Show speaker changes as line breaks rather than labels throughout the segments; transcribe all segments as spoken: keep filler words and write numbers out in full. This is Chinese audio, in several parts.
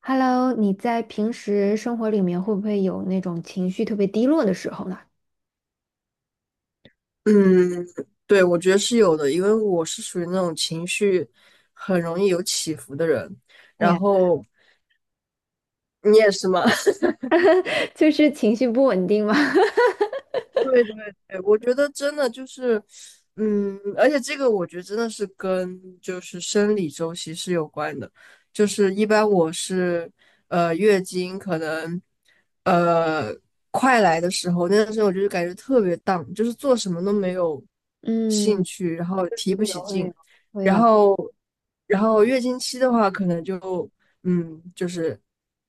Hello，你在平时生活里面会不会有那种情绪特别低落的时候呢？
嗯，对，我觉得是有的，因为我是属于那种情绪很容易有起伏的人，
哎
然
呀，
后你也是吗？
就是情绪不稳定吗？
对对对，我觉得真的就是，嗯，而且这个我觉得真的是跟就是生理周期是有关的，就是一般我是呃月经可能呃快来的时候，那段时间我就是感觉特别 down，就是做什么都没有兴
嗯，
趣，然后提
会
不
有
起
会
劲，
有会
然
有，
后然后月经期的话，可能就嗯就是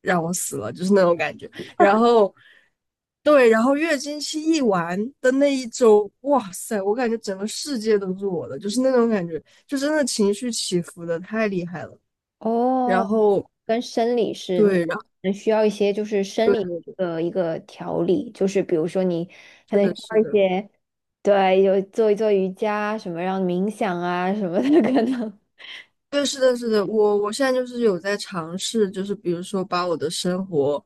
让我死了，就是那种感觉。然后对，然后月经期一完的那一周，哇塞，我感觉整个世界都是我的，就是那种感觉，就真的情绪起伏的太厉害了。然
哦，
后
跟生理是，
对，然后
能需要一些就是生理
对，
的一个调理，就是比如说你可
是
能需
的，
要
是
一
的。
些，对，有做一做瑜伽什么，让冥想啊什么的可能。
对，是的，是的，我我现在就是有在尝试，就是比如说把我的生活，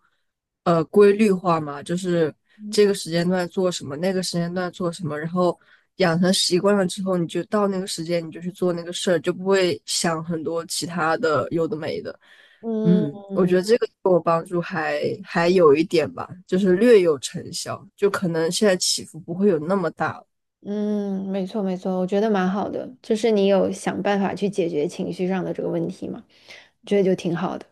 呃，规律化嘛，就是这个时间段做什么，那个时间段做什么，然后养成习惯了之后，你就到那个时间你就去做那个事儿，就不会想很多其他的有的没的。
嗯
嗯，我觉得这个对我帮助还还有一点吧，就是略有成效，就可能现在起伏不会有那么大了。
嗯，没错没错，我觉得蛮好的，就是你有想办法去解决情绪上的这个问题嘛，我觉得就挺好的。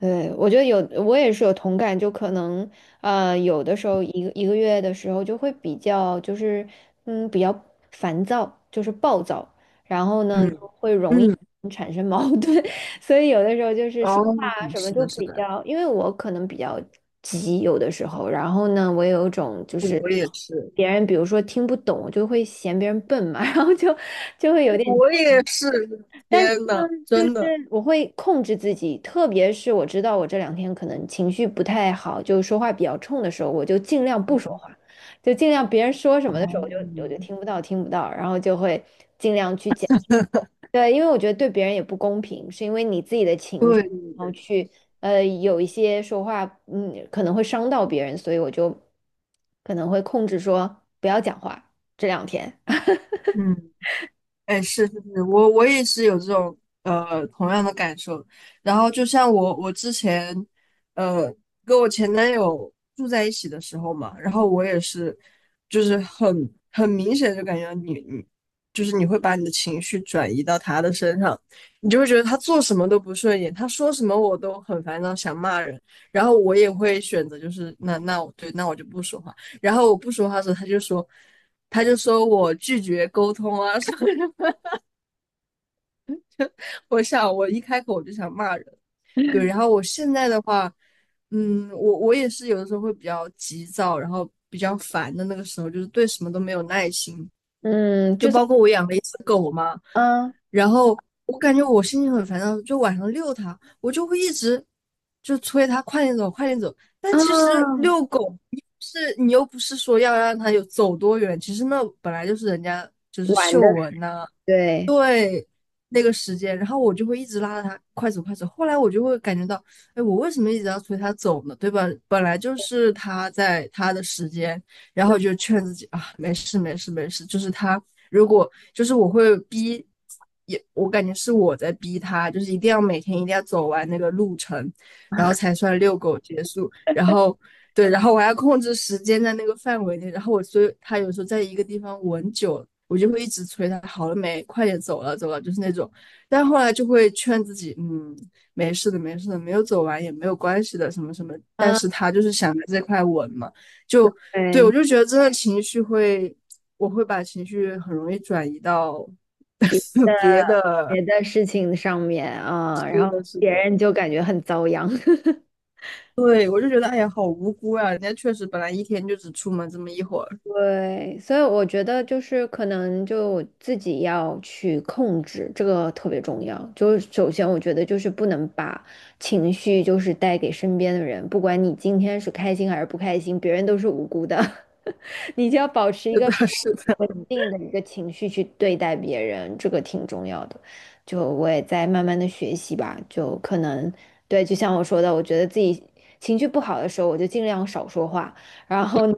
对，我觉得有，我也是有同感，就可能呃，有的时候一个一个月的时候就会比较，就是嗯比较烦躁，就是暴躁，然后呢
嗯
就会容易
嗯。
产生矛盾，所以有的时候就是说
哦，
话啊什么
是
就
的，是
比
的。
较，因为我可能比较急，有的时候，然后呢，我有一种就
对，
是
我也是。
别人比如说听不懂，我就会嫌别人笨嘛，然后就就会有点，
我也是，
但是
天
呢，
呐，
就
真
是
的。
我会控制自己，特别是我知道我这两天可能情绪不太好，就说话比较冲的时候，我就尽量不说话，就尽量别人说什么的时候，
哦，
我就我就听不到，听不到，然后就会尽量去减。对，因为我觉得对别人也不公平，是因为你自己的情绪，
对对
然后
对。
去呃有一些说话，嗯，可能会伤到别人，所以我就可能会控制说不要讲话这两天。
嗯。哎，是是是，我我也是有这种呃同样的感受。然后就像我我之前呃跟我前男友住在一起的时候嘛，然后我也是就是很很明显就感觉你你就是你会把你的情绪转移到他的身上，你就会觉得他做什么都不顺眼，他说什么我都很烦躁，想骂人。然后我也会选择就是那那我对那我就不说话。然后我不说话的时候，他就说。他就说我拒绝沟通啊什么什 我想我一开口我就想骂人，对。然后我现在的话，嗯，我我也是有的时候会比较急躁，然后比较烦的那个时候，就是对什么都没有耐心。
嗯，
就
就算
包括我养了一只狗，
嗯
然后我感觉我心情很烦躁，就晚上遛它，我就会一直就催它快点走，快点走。但其实
嗯
遛狗是你又不是说要让它有走多远，其实那本来就是人家就是
晚
嗅
的。
闻呐、
对，
对，那个时间，然后我就会一直拉着他快走快走。后来我就会感觉到，哎，我为什么一直要催他走呢？对吧？本来就是他在他的时间，然后就劝自己啊，没事没事没事。就是他如果就是我会逼，也我感觉是我在逼他，就是一定要每天一定要走完那个路程，然后才算遛狗结束。然后对，然后我还要控制时间在那个范围内，然后我所以他有时候在一个地方吻久了，我就会一直催他好了没，快点走了走了，就是那种，但后来就会劝自己，嗯，没事的没事的，没有走完也没有关系的什么什么，但
啊，
是他就是想着这块吻嘛，就对我
对，
就觉得真的情绪会，我会把情绪很容易转移到 别的。
别的事情上面啊，然
是的
后
是
别
的。
人就感觉很遭殃。
对，我就觉得，哎呀，好无辜啊！人家确实本来一天就只出门这么一会儿。
对，所以我觉得就是可能就自己要去控制，这个特别重要。就是首先，我觉得就是不能把情绪就是带给身边的人，不管你今天是开心还是不开心，别人都是无辜的，你就要保持 一
是的，
个
是的。
稳定的一个情绪去对待别人，这个挺重要的。就我也在慢慢的学习吧，就可能对，就像我说的，我觉得自己情绪不好的时候，我就尽量少说话，然后呢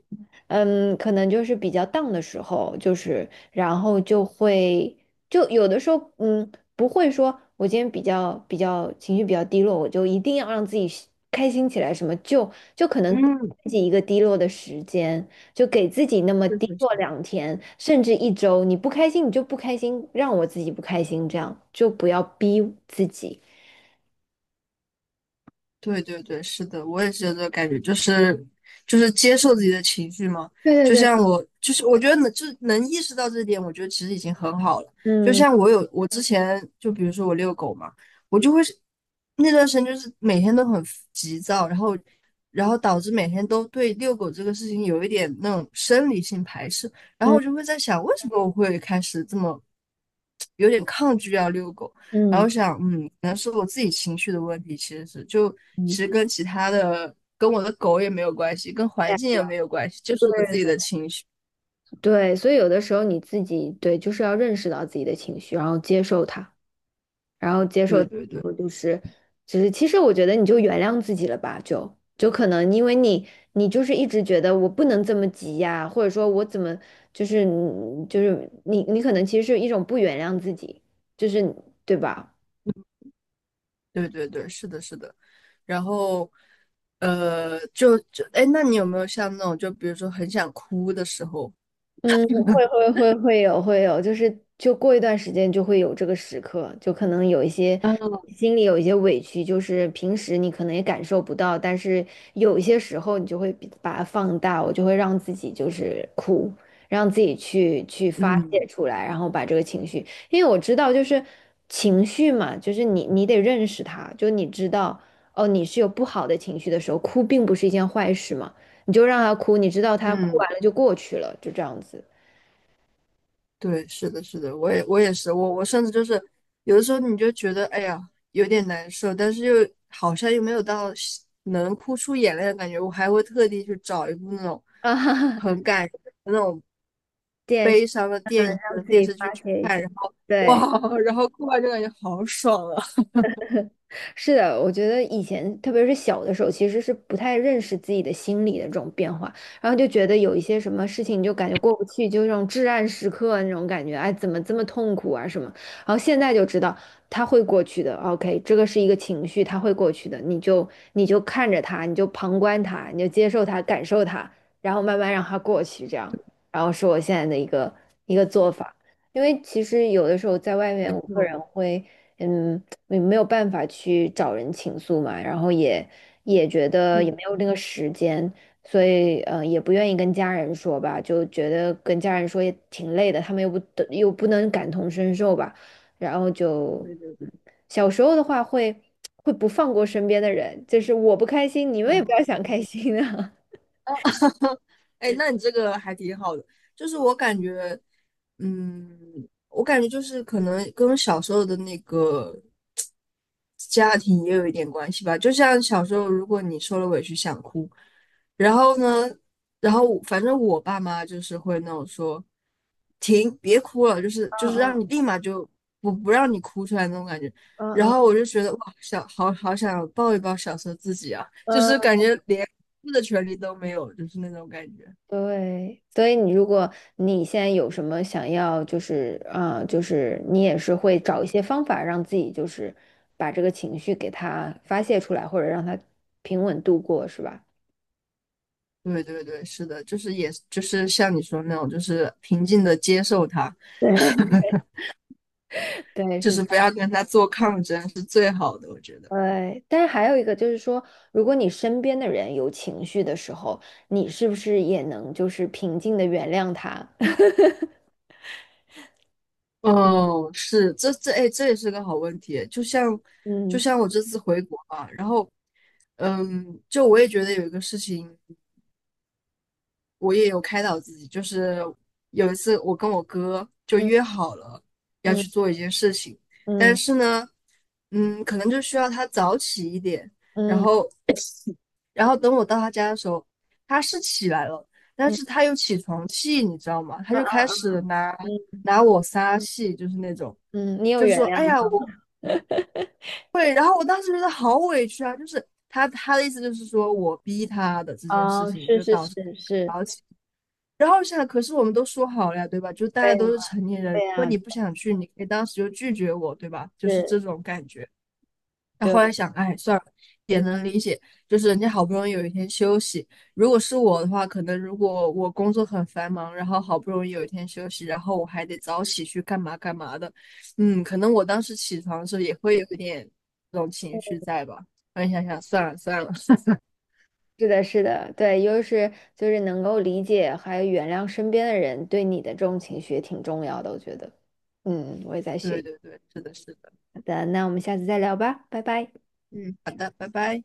嗯，可能就是比较 d 的时候，就是然后就会就有的时候，嗯，不会说我今天比较比较情绪比较低落，我就一定要让自己是开心起来，什么就就可能
嗯，
自己一个低落的时间，就给自己那么
确
低
实，是。
落两天，甚至一周，你不开心你就不开心，让我自己不开心，这样就不要逼自己。
对对对，是的，我也是有这个感觉，就是就是接受自己的情绪嘛。
对
就
对
像
对，
我，就是我觉得能就是能意识到这一点，我觉得其实已经很好了。就
嗯
像我有我之前，就比如说我遛狗嘛，我就会是那段时间就是每天都很急躁，然后然后导致每天都对遛狗这个事情有一点那种生理性排斥，然后我
嗯
就会在想，为什么我会开始这么有点抗拒要遛狗？然后
嗯
想，嗯，可能是我自己情绪的问题，其实是就其
嗯，
实跟其他的，跟我的狗也没有关系，跟环境
对
也
啊
没有关系，就是我自己的情绪。
对，所以有的时候你自己对，就是要认识到自己的情绪，然后接受它，然后接受，
对对
然
对
后就是，就是其实我觉得你就原谅自己了吧，就就可能因为你你就是一直觉得我不能这么急呀，或者说我怎么就是就是你你可能其实是一种不原谅自己，就是对吧？
对对对，是的，是的。然后，呃，就就，哎，那你有没有像那种，就比如说很想哭的时候？
嗯，会会会会有会有，就是就过一段时间就会有这个时刻，就可能有一些
嗯
心里有一些委屈，就是平时你可能也感受不到，但是有一些时候你就会比把它放大，我就会让自己就是哭，让自己去去发泄
嗯
出来，然后把这个情绪，因为我知道就是情绪嘛，就是你你得认识它，就你知道哦，你是有不好的情绪的时候，哭并不是一件坏事嘛。你就让他哭，你知道他哭
嗯。
完了就过去了，就这样子。
对，是的，是的，我也我也是，我我甚至就是有的时候你就觉得哎呀有点难受，但是又好像又没有到是能哭出眼泪的感觉，我还会特地去找一部那种
啊哈哈，
很感人的那种
电视
悲伤的
上
电影
让
和
自
电
己
视剧
发
去
泄一
看，
下。
然后
对。
哇，然后哭完就感觉好爽啊！
是的，我觉得以前，特别是小的时候，其实是不太认识自己的心理的这种变化，然后就觉得有一些什么事情，你就感觉过不去，就那种至暗时刻那种感觉，哎，怎么这么痛苦啊什么？然后现在就知道它会过去的，OK，这个是一个情绪，它会过去的，你就你就看着它，你就旁观它，你就接受它，感受它，然后慢慢让它过去，这样，然后是我现在的一个一个做法。因为其实有的时候在外面，
没
我个
错，没
人
错。
会，嗯，没没有办法去找人倾诉嘛，然后也也觉得也没有
嗯，
那个时间，所以呃也不愿意跟家人说吧，就觉得跟家人说也挺累的，他们又不得又不能感同身受吧，然后就
对对
嗯小时候的话会会不放过身边的人，就是我不开心，你们也不要
对。
想开心啊。
哎，那你这个还挺好的，就是我感觉，嗯，我感觉就是可能跟小时候的那个家庭也有一点关系吧。就像小时候，如果你受了委屈想哭，然后呢，然后我反正我爸妈就是会那种说，停，别哭了，就是
嗯
就是让你
嗯
立马就不不让你哭出来那种感觉。
嗯
然
嗯
后我就觉得哇，想好好想抱一抱小时候自己啊，就
嗯
是感觉连。么的权利都没有，就是那种感觉。
对，所以你如果你现在有什么想要，就是啊、呃就是你也是会找一些方法让自己就是把这个情绪给它发泄出来，或者让它平稳度过，是吧？
对对对，是的，就是也就是像你说那种，就是平静的接受它。
对，对，
就
是
是
这
不
样
要跟他做抗争是最好的，我觉得。
对，但是还有一个就是说，如果你身边的人有情绪的时候，你是不是也能就是平静的原谅他？
哦，是，这这哎，这也是个好问题。就像就
嗯
像我这次回国嘛，然后嗯，就我也觉得有一个事情我也有开导自己，就是有一次我跟我哥就约
嗯
好了要
嗯
去做一件事情，但
嗯
是呢，嗯，可能就需要他早起一点，然
嗯
后然后等我到他家的时候，他是起来了，但
嗯
是他又起床气，你知道吗？他
啊
就
啊
开始拿
嗯
拿我撒气，就是那种，
嗯，你有
就是
原
说，哎
谅吗？
呀，我会，然后我当时觉得好委屈啊，就是他他的意思就是说我逼他的这件事
啊，
情
是
就
是
导致。
是是，
然后想，可是我们都说好了呀，对吧？就大家
对。
都是成年人，如
对
果
呀，
你不想去，你可以当时就拒绝我，对吧？就是
是，
这种感觉。那
对，
后来想，哎，算了，也能理解，就是人家好不容易有一天休息。如果是我的话，可能如果我工作很繁忙，然后好不容易有一天休息，然后我还得早起去干嘛干嘛的，嗯，可能我当时起床的时候也会有一点这种情绪在吧。然后你想想，算了算了。
是的，是的，对，又是就是能够理解还有原谅身边的人对你的这种情绪也挺重要的，我觉得。嗯，我也在学
对
习。
对对，是的，是的，
好的，那我们下次再聊吧，拜拜。
嗯，好的，拜拜。